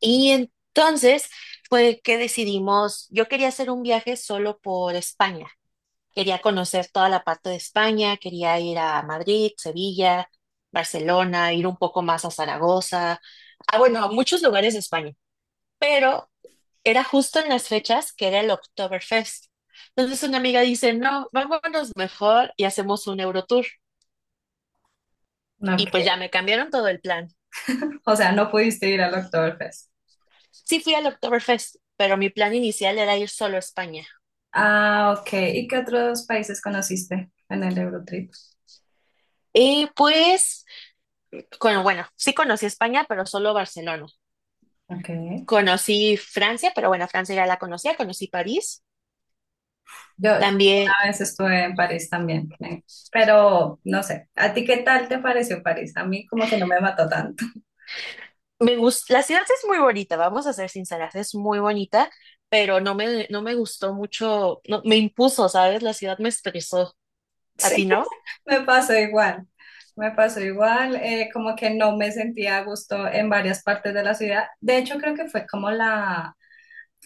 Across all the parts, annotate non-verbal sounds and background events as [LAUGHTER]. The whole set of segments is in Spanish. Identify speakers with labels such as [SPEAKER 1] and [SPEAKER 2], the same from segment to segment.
[SPEAKER 1] Y entonces fue que decidimos, yo quería hacer un viaje solo por España, quería conocer toda la parte de España, quería ir a Madrid, Sevilla, Barcelona, ir un poco más a Zaragoza, bueno, a muchos lugares de España, pero era justo en las fechas que era el Oktoberfest. Entonces una amiga dice, no, vámonos mejor y hacemos un Eurotour.
[SPEAKER 2] No,
[SPEAKER 1] Y pues
[SPEAKER 2] Ok.
[SPEAKER 1] ya me cambiaron todo el plan.
[SPEAKER 2] O sea, no pudiste ir al Oktoberfest.
[SPEAKER 1] Sí fui al Oktoberfest, pero mi plan inicial era ir solo a España.
[SPEAKER 2] Ah, ok. ¿Y qué otros países conociste en el Eurotrip?
[SPEAKER 1] Y pues Con, bueno, sí conocí España, pero solo Barcelona.
[SPEAKER 2] Ok.
[SPEAKER 1] Conocí Francia, pero bueno, Francia ya la conocía, conocí París.
[SPEAKER 2] Yo
[SPEAKER 1] También
[SPEAKER 2] a veces estuve en París también, pero no sé, ¿a ti qué tal te pareció París? A mí como que no me mató tanto. [LAUGHS]
[SPEAKER 1] me gusta, la ciudad es muy bonita, vamos a ser sinceras, es muy bonita, pero no me gustó mucho, no, me impuso, ¿sabes? La ciudad me estresó. ¿A ti
[SPEAKER 2] Sí,
[SPEAKER 1] no?
[SPEAKER 2] me pasó igual. Me pasó igual, como que no me sentía a gusto en varias partes de la ciudad. De hecho, creo que fue como la,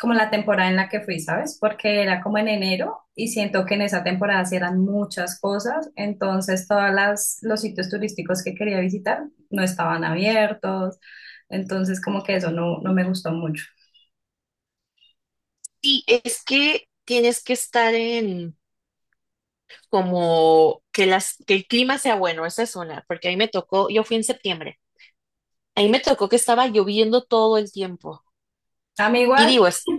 [SPEAKER 2] como la temporada en la que fui, ¿sabes? Porque era como en enero y siento que en esa temporada sí eran muchas cosas, entonces todas las los sitios turísticos que quería visitar no estaban abiertos, entonces como que eso no, no me gustó mucho.
[SPEAKER 1] Sí, es que tienes que estar en como que las que el clima sea bueno, esa es una, porque ahí me tocó, yo fui en septiembre, ahí me tocó que estaba lloviendo todo el tiempo.
[SPEAKER 2] A mí
[SPEAKER 1] Y
[SPEAKER 2] igual.
[SPEAKER 1] digo, es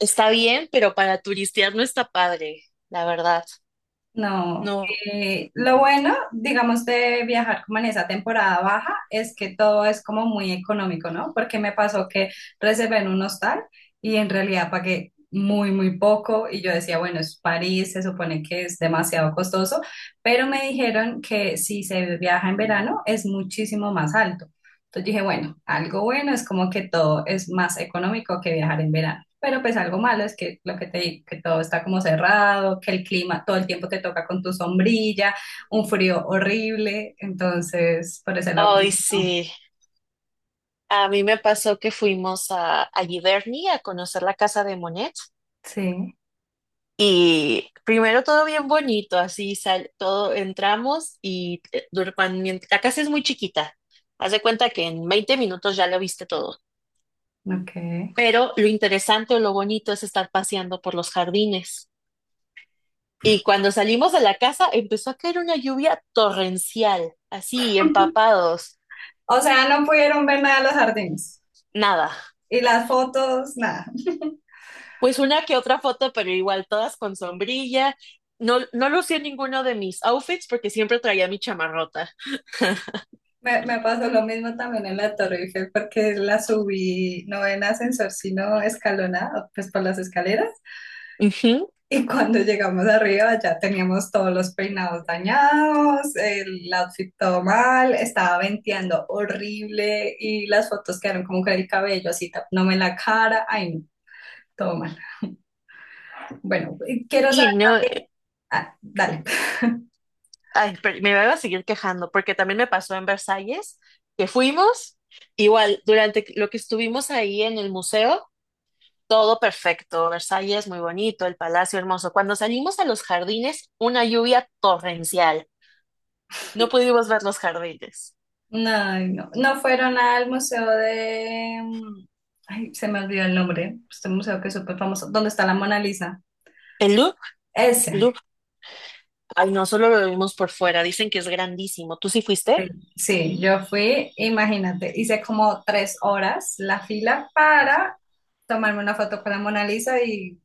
[SPEAKER 1] Está bien, pero para turistear no está padre, la verdad.
[SPEAKER 2] No,
[SPEAKER 1] No.
[SPEAKER 2] lo bueno, digamos, de viajar como en esa temporada baja es que todo es como muy económico, ¿no? Porque me pasó que reservé en un hostal y en realidad pagué muy, muy poco y yo decía, bueno, es París, se supone que es demasiado costoso, pero me dijeron que si se viaja en verano es muchísimo más alto. Entonces dije, bueno, algo bueno es como que todo es más económico que viajar en verano. Pero pues algo malo es que lo que te digo, que todo está como cerrado, que el clima todo el tiempo te toca con tu sombrilla, un frío horrible. Entonces, por ese lado, como
[SPEAKER 1] Ay,
[SPEAKER 2] que no.
[SPEAKER 1] sí. A mí me pasó que fuimos a Giverny a conocer la casa de Monet.
[SPEAKER 2] Sí,
[SPEAKER 1] Y primero todo bien bonito, así sal, todo entramos y la casa es muy chiquita. Haz de cuenta que en 20 minutos ya lo viste todo.
[SPEAKER 2] ok.
[SPEAKER 1] Pero lo interesante o lo bonito es estar paseando por los jardines. Y cuando salimos de la casa empezó a caer una lluvia torrencial, así empapados.
[SPEAKER 2] O sea, no pudieron ver nada de los jardines.
[SPEAKER 1] Nada.
[SPEAKER 2] Y las fotos, nada.
[SPEAKER 1] Pues una que otra foto, pero igual todas con sombrilla. No lucía ninguno de mis outfits porque siempre traía mi chamarrota.
[SPEAKER 2] Me pasó lo mismo también en la Torre Eiffel porque la subí no en ascensor, sino escalonada, pues por las escaleras.
[SPEAKER 1] Ujú.
[SPEAKER 2] Y cuando llegamos arriba ya teníamos todos los peinados dañados, el outfit todo mal, estaba venteando horrible y las fotos quedaron como con el cabello así tapándome la cara. Ay, no, todo mal. Bueno, quiero saber.
[SPEAKER 1] Y no,
[SPEAKER 2] Ah, dale.
[SPEAKER 1] ay, pero me voy a seguir quejando porque también me pasó en Versalles que fuimos. Igual, durante lo que estuvimos ahí en el museo, todo perfecto. Versalles muy bonito, el palacio hermoso. Cuando salimos a los jardines, una lluvia torrencial. No pudimos ver los jardines.
[SPEAKER 2] No, no, no fueron al museo de, ay, se me olvidó el nombre. Este museo que es súper famoso. ¿Dónde está la Mona Lisa?
[SPEAKER 1] El Louvre.
[SPEAKER 2] Ese.
[SPEAKER 1] Ay, no, solo lo vimos por fuera. Dicen que es grandísimo. ¿Tú sí fuiste?
[SPEAKER 2] Sí, sí, yo fui, imagínate, hice como 3 horas la fila para tomarme una foto con la Mona Lisa y,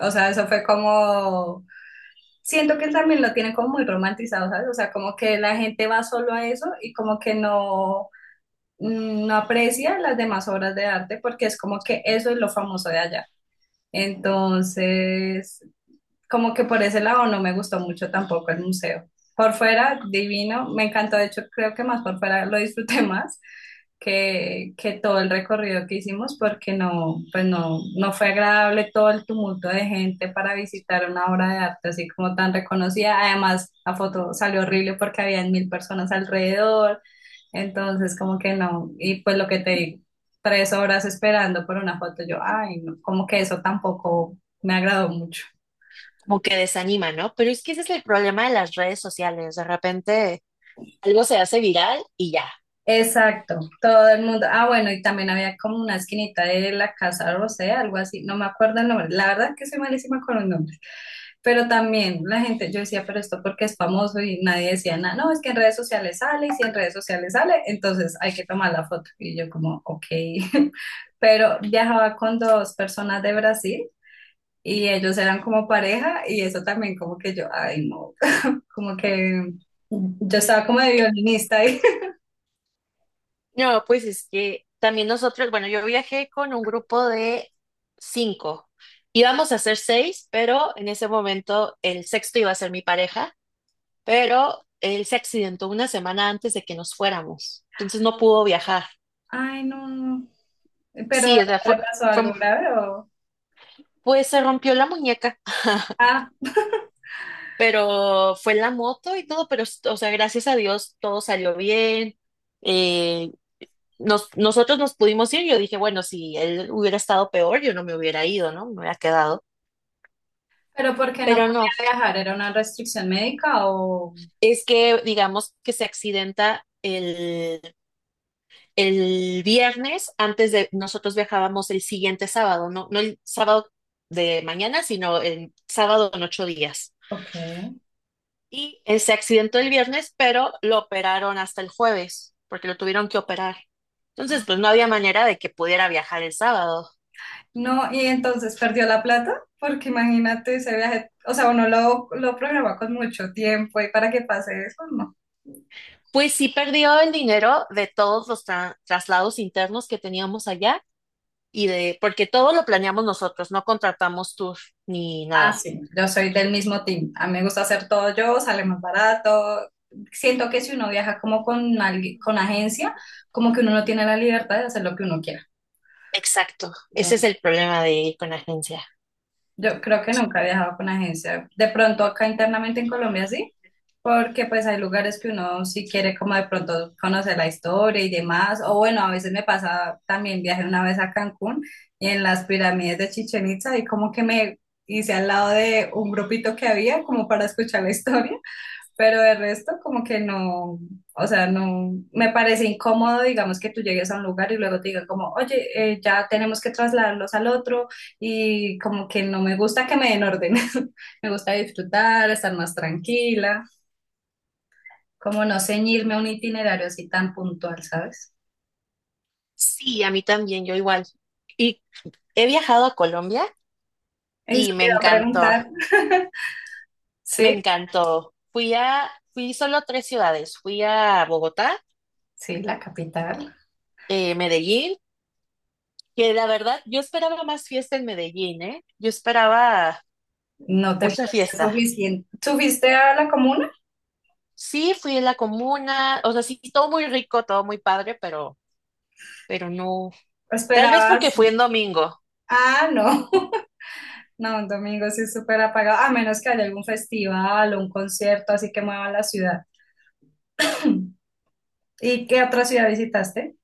[SPEAKER 2] o sea, eso fue como, siento que también lo tienen como muy romantizado, ¿sabes? O sea, como que la gente va solo a eso y como que no, no aprecia las demás obras de arte porque es como que eso es lo famoso de allá. Entonces, como que por ese lado no me gustó mucho tampoco el museo. Por fuera, divino, me encantó, de hecho creo que más por fuera lo disfruté [LAUGHS] más, que todo el recorrido que hicimos porque no, pues no, no fue agradable todo el tumulto de gente para visitar una obra de arte así como tan reconocida. Además, la foto salió horrible porque había 1.000 personas alrededor, entonces como que no, y pues lo que te digo, 3 horas esperando por una foto, yo, ay, no, como que eso tampoco me agradó mucho.
[SPEAKER 1] Como que desanima, ¿no? Pero es que ese es el problema de las redes sociales. De repente algo se hace viral y ya.
[SPEAKER 2] Exacto, todo el mundo. Ah, bueno, y también había como una esquinita de la Casa Rosé, algo así, no me acuerdo el nombre. La verdad que soy malísima con los nombres. Pero también la gente, yo decía, pero esto porque es famoso y nadie decía nada. No, es que en redes sociales sale y si en redes sociales sale, entonces hay que tomar la foto. Y yo como, ok. [LAUGHS] Pero viajaba con dos personas de Brasil y ellos eran como pareja y eso también como que yo, ay, no, como que yo estaba como de violinista.
[SPEAKER 1] No, pues es que también nosotros, bueno, yo viajé con un grupo de cinco. Íbamos a ser seis, pero en ese momento el sexto iba a ser mi pareja pero él se accidentó una semana antes de que nos fuéramos, entonces no pudo viajar.
[SPEAKER 2] Ay, no, no. ¿Pero
[SPEAKER 1] Sí, o sea,
[SPEAKER 2] le pasó
[SPEAKER 1] fue,
[SPEAKER 2] algo grave o...?
[SPEAKER 1] pues se rompió la muñeca, [LAUGHS]
[SPEAKER 2] Ah,
[SPEAKER 1] pero fue la moto y todo, pero, o sea, gracias a Dios todo salió bien. Eh, nosotros nos pudimos ir, yo dije, bueno, si él hubiera estado peor, yo no me hubiera ido, ¿no? Me hubiera quedado.
[SPEAKER 2] ¿pero por qué no
[SPEAKER 1] Pero no,
[SPEAKER 2] podía viajar? ¿Era una restricción médica o...?
[SPEAKER 1] es que digamos que se accidenta el viernes, antes de nosotros viajábamos el siguiente sábado, no, no el sábado de mañana, sino el sábado en 8 días.
[SPEAKER 2] Ok.
[SPEAKER 1] Y se accidentó el viernes, pero lo operaron hasta el jueves, porque lo tuvieron que operar. Entonces, pues no había manera de que pudiera viajar el sábado.
[SPEAKER 2] No, y entonces perdió la plata, porque imagínate ese viaje, o sea, uno lo programa con mucho tiempo y para que pase eso, no.
[SPEAKER 1] Pues sí perdió el dinero de todos los traslados internos que teníamos allá y de, porque todo lo planeamos nosotros, no contratamos tour ni
[SPEAKER 2] Ah,
[SPEAKER 1] nada.
[SPEAKER 2] sí, yo soy del mismo team. A mí me gusta hacer todo yo, sale más barato. Siento que si uno viaja como con alguien, con agencia, como que uno no tiene la libertad de hacer lo que uno quiera.
[SPEAKER 1] Exacto, ese es el problema de ir con agencia.
[SPEAKER 2] Yo creo que nunca he viajado con agencia. De pronto acá internamente en Colombia sí, porque pues hay lugares que uno sí quiere como de pronto conocer la historia y demás. O bueno, a veces me pasa, también viajé una vez a Cancún y en las pirámides de Chichen Itza y como que me hice al lado de un grupito que había como para escuchar la historia. Pero de resto, como que no, o sea, no, me parece incómodo, digamos, que tú llegues a un lugar y luego te digan como, oye, ya tenemos que trasladarlos al otro y como que no me gusta que me den orden, [LAUGHS] me gusta disfrutar, estar más tranquila, como no ceñirme a un itinerario así tan puntual, ¿sabes?
[SPEAKER 1] Sí, a mí también, yo igual. Y he viajado a Colombia
[SPEAKER 2] Eso
[SPEAKER 1] y
[SPEAKER 2] te
[SPEAKER 1] me
[SPEAKER 2] iba a
[SPEAKER 1] encantó,
[SPEAKER 2] preguntar,
[SPEAKER 1] me
[SPEAKER 2] sí,
[SPEAKER 1] encantó. Fui a, fui solo a tres ciudades, fui a Bogotá,
[SPEAKER 2] sí, la capital,
[SPEAKER 1] Medellín, que la verdad yo esperaba más fiesta en Medellín, ¿eh? Yo esperaba
[SPEAKER 2] ¿no te
[SPEAKER 1] mucha
[SPEAKER 2] parece
[SPEAKER 1] fiesta.
[SPEAKER 2] suficiente? ¿Subiste a la comuna?
[SPEAKER 1] Sí, fui a la comuna, o sea, sí, todo muy rico, todo muy padre, pero no. Tal vez porque
[SPEAKER 2] ¿Esperabas?
[SPEAKER 1] fui en domingo.
[SPEAKER 2] Ah, no. No, un domingo sí es súper apagado, a menos que haya algún festival o un concierto, así que mueva la ciudad. ¿Y qué otra ciudad visitaste?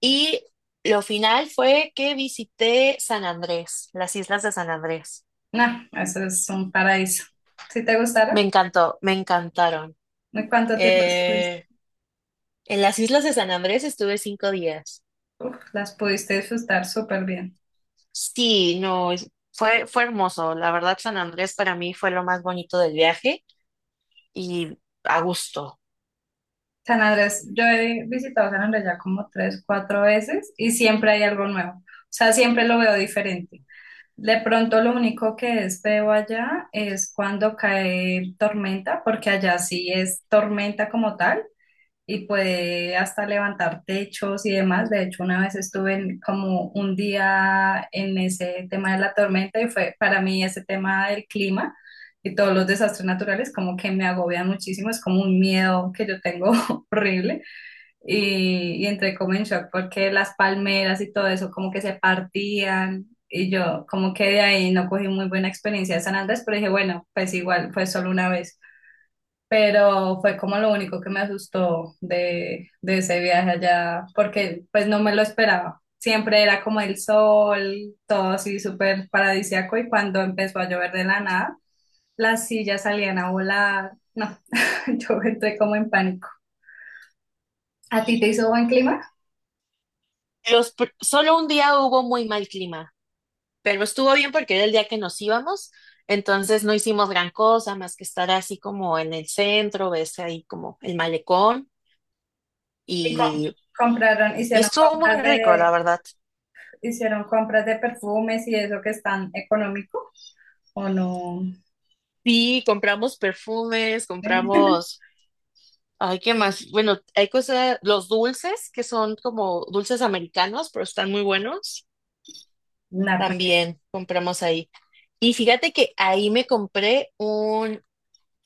[SPEAKER 1] Y lo final fue que visité San Andrés, las islas de San Andrés.
[SPEAKER 2] No, eso es un paraíso. ¿Sí te
[SPEAKER 1] Me
[SPEAKER 2] gustaron?
[SPEAKER 1] encantó, me encantaron.
[SPEAKER 2] ¿Y cuánto tiempo estuviste?
[SPEAKER 1] Eh, en las islas de San Andrés estuve 5 días.
[SPEAKER 2] Uf, las pudiste disfrutar súper bien.
[SPEAKER 1] Sí, no, fue hermoso. La verdad, San Andrés para mí fue lo más bonito del viaje y a gusto.
[SPEAKER 2] San Andrés, yo he visitado San Andrés ya como tres, cuatro veces y siempre hay algo nuevo. O sea, siempre lo veo diferente. De pronto lo único que es feo allá es cuando cae tormenta, porque allá sí es tormenta como tal. Y puede hasta levantar techos y demás. De hecho, una vez estuve como un día en ese tema de la tormenta y fue para mí ese tema del clima y todos los desastres naturales como que me agobian muchísimo, es como un miedo que yo tengo [LAUGHS] horrible y entré como en shock porque las palmeras y todo eso como que se partían. Y yo como que de ahí no cogí muy buena experiencia de San Andrés, pero dije, bueno, pues igual fue solo una vez pero fue como lo único que me asustó de ese viaje allá, porque pues no me lo esperaba. Siempre era como el sol, todo así súper paradisíaco y cuando empezó a llover de la nada, las sillas salían a volar. No, [LAUGHS] yo entré como en pánico. ¿A ti te hizo buen clima?
[SPEAKER 1] Solo un día hubo muy mal clima, pero estuvo bien porque era el día que nos íbamos, entonces no hicimos gran cosa más que estar así como en el centro, ves ahí como el malecón
[SPEAKER 2] Y co-
[SPEAKER 1] y,
[SPEAKER 2] compraron,
[SPEAKER 1] y estuvo muy rico, la verdad.
[SPEAKER 2] hicieron compras de perfumes y eso que es tan económico, ¿o no?
[SPEAKER 1] Sí, compramos perfumes,
[SPEAKER 2] [LAUGHS]
[SPEAKER 1] compramos. Ay, ¿qué más? Bueno, hay cosas, los dulces, que son como dulces americanos, pero están muy buenos.
[SPEAKER 2] Nada.
[SPEAKER 1] También compramos ahí. Y fíjate que ahí me compré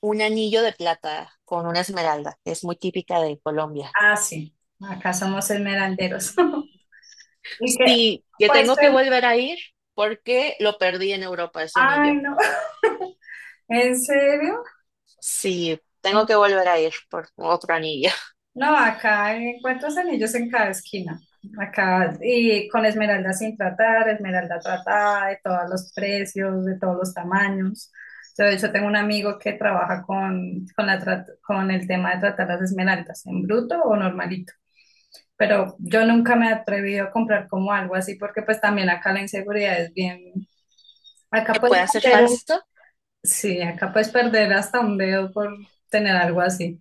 [SPEAKER 1] un anillo de plata con una esmeralda, que es muy típica de Colombia.
[SPEAKER 2] Ah, sí, acá somos esmeralderos. [LAUGHS] Y que,
[SPEAKER 1] Sí, que
[SPEAKER 2] pues,
[SPEAKER 1] tengo que
[SPEAKER 2] pero-
[SPEAKER 1] volver a ir porque lo perdí en Europa, ese
[SPEAKER 2] ay,
[SPEAKER 1] anillo.
[SPEAKER 2] no, [LAUGHS] ¿en serio?
[SPEAKER 1] Sí, tengo que volver a ir por otro anillo.
[SPEAKER 2] No, acá encuentras anillos en cada esquina. Acá, y con esmeralda sin tratar, esmeralda tratada, de todos los precios, de todos los tamaños. Yo, de hecho, tengo un amigo que trabaja con con el tema de tratar las esmeraldas, en bruto o normalito. Pero yo nunca me he atrevido a comprar como algo así, porque pues también acá la inseguridad es bien.
[SPEAKER 1] [LAUGHS]
[SPEAKER 2] Acá
[SPEAKER 1] ¿Que
[SPEAKER 2] puedes
[SPEAKER 1] pueda ser
[SPEAKER 2] comprar.
[SPEAKER 1] falso?
[SPEAKER 2] Sí, acá puedes perder hasta un dedo por tener algo así.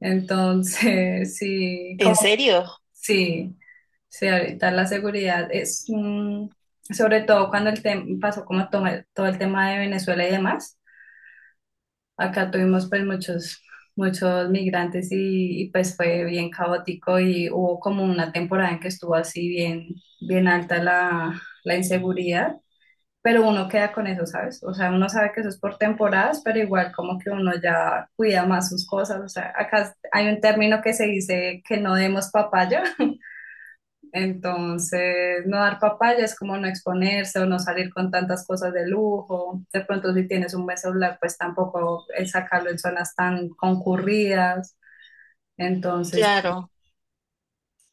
[SPEAKER 2] Entonces, [LAUGHS] sí, como
[SPEAKER 1] ¿En serio?
[SPEAKER 2] sí, sí, ahorita la seguridad es un- sobre todo cuando pasó como todo el tema de Venezuela y demás. Acá tuvimos pues muchos migrantes y, pues fue bien caótico y hubo como una temporada en que estuvo así bien bien alta la inseguridad pero uno queda con eso, ¿sabes? O sea, uno sabe que eso es por temporadas, pero igual como que uno ya cuida más sus cosas. O sea, acá hay un término que se dice que no demos papaya, [LAUGHS] entonces no dar papaya es como no exponerse o no salir con tantas cosas de lujo. De pronto si tienes un buen celular, pues tampoco es sacarlo en zonas tan concurridas. Entonces, sí.
[SPEAKER 1] Claro,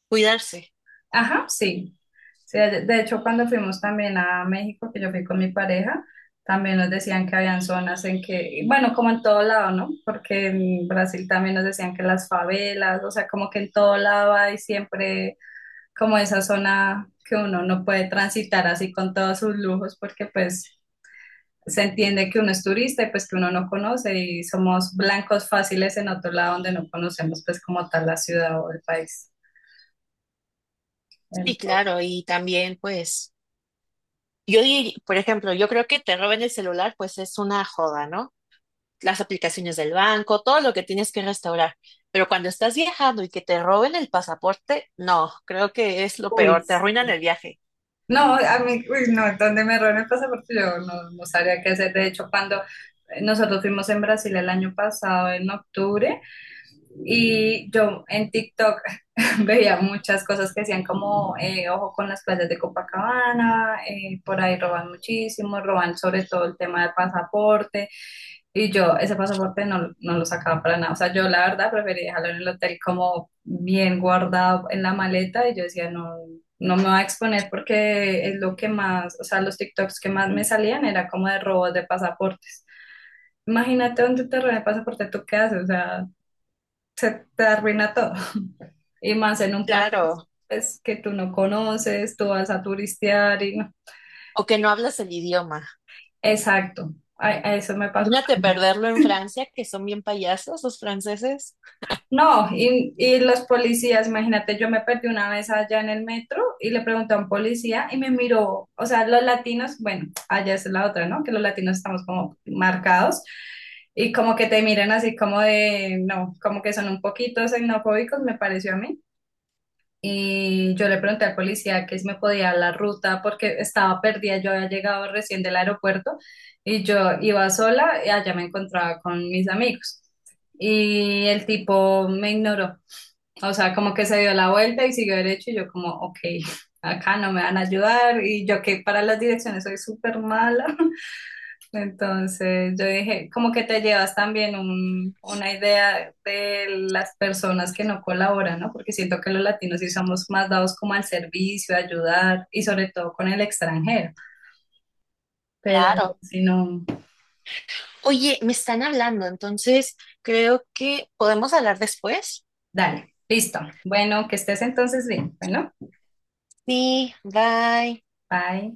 [SPEAKER 1] cuidarse.
[SPEAKER 2] Ajá, sí. Sí, de hecho, cuando fuimos también a México, que yo fui con mi pareja, también nos decían que habían zonas en que, bueno, como en todo lado, ¿no? Porque en Brasil también nos decían que las favelas, o sea, como que en todo lado hay siempre como esa zona que uno no puede transitar así con todos sus lujos, porque pues se entiende que uno es turista y pues que uno no conoce y somos blancos fáciles en otro lado donde no conocemos pues como tal la ciudad o el país.
[SPEAKER 1] Sí,
[SPEAKER 2] Entonces,
[SPEAKER 1] claro, y también pues... Yo, por ejemplo, yo creo que te roben el celular, pues es una joda, ¿no? Las aplicaciones del banco, todo lo que tienes que restaurar. Pero cuando estás viajando y que te roben el pasaporte, no, creo que es lo
[SPEAKER 2] uy,
[SPEAKER 1] peor, te arruinan
[SPEAKER 2] sí.
[SPEAKER 1] el viaje.
[SPEAKER 2] No, a mí, uy, no, donde me roben el pasaporte yo no, no sabría qué hacer. De hecho, cuando nosotros fuimos en Brasil el año pasado, en octubre, y yo en TikTok [LAUGHS] veía muchas cosas que hacían como ojo con las playas de Copacabana, por ahí roban muchísimo, roban sobre todo el tema del pasaporte. Y yo ese pasaporte no, no lo sacaba para nada. O sea, yo la verdad preferí dejarlo en el hotel como bien guardado en la maleta y yo decía, no, no me voy a exponer porque es lo que más, o sea, los TikToks que más me salían era como de robos de pasaportes. Imagínate donde te roban el pasaporte, ¿tú qué haces? O sea, se te arruina todo. Y más en un país
[SPEAKER 1] Claro,
[SPEAKER 2] pues, que tú no conoces, tú vas a turistear y no.
[SPEAKER 1] o que no hablas el idioma.
[SPEAKER 2] Exacto, a eso me pasó
[SPEAKER 1] Imagínate
[SPEAKER 2] también.
[SPEAKER 1] perderlo en Francia, que son bien payasos los franceses.
[SPEAKER 2] No, y los policías, imagínate, yo me perdí una vez allá en el metro y le pregunté a un policía y me miró, o sea, los latinos, bueno, allá es la otra, ¿no? Que los latinos estamos como marcados y como que te miran así como de, no, como que son un poquito xenofóbicos, me pareció a mí. Y yo le pregunté al policía que si me podía dar la ruta porque estaba perdida, yo había llegado recién del aeropuerto y yo iba sola y allá me encontraba con mis amigos. Y el tipo me ignoró, o sea, como que se dio la vuelta y siguió derecho y yo como, ok, [LAUGHS] acá no me van a ayudar y yo que para las direcciones soy súper mala. Entonces yo dije, como que te llevas también una idea de las personas que no colaboran, ¿no? Porque siento que los latinos sí somos más dados como al servicio, a ayudar y sobre todo con el extranjero. Pero
[SPEAKER 1] Claro.
[SPEAKER 2] si no,
[SPEAKER 1] Oye, me están hablando, entonces creo que podemos hablar después.
[SPEAKER 2] dale, listo. Bueno, que estés entonces bien. Bueno,
[SPEAKER 1] Sí, bye.
[SPEAKER 2] bye.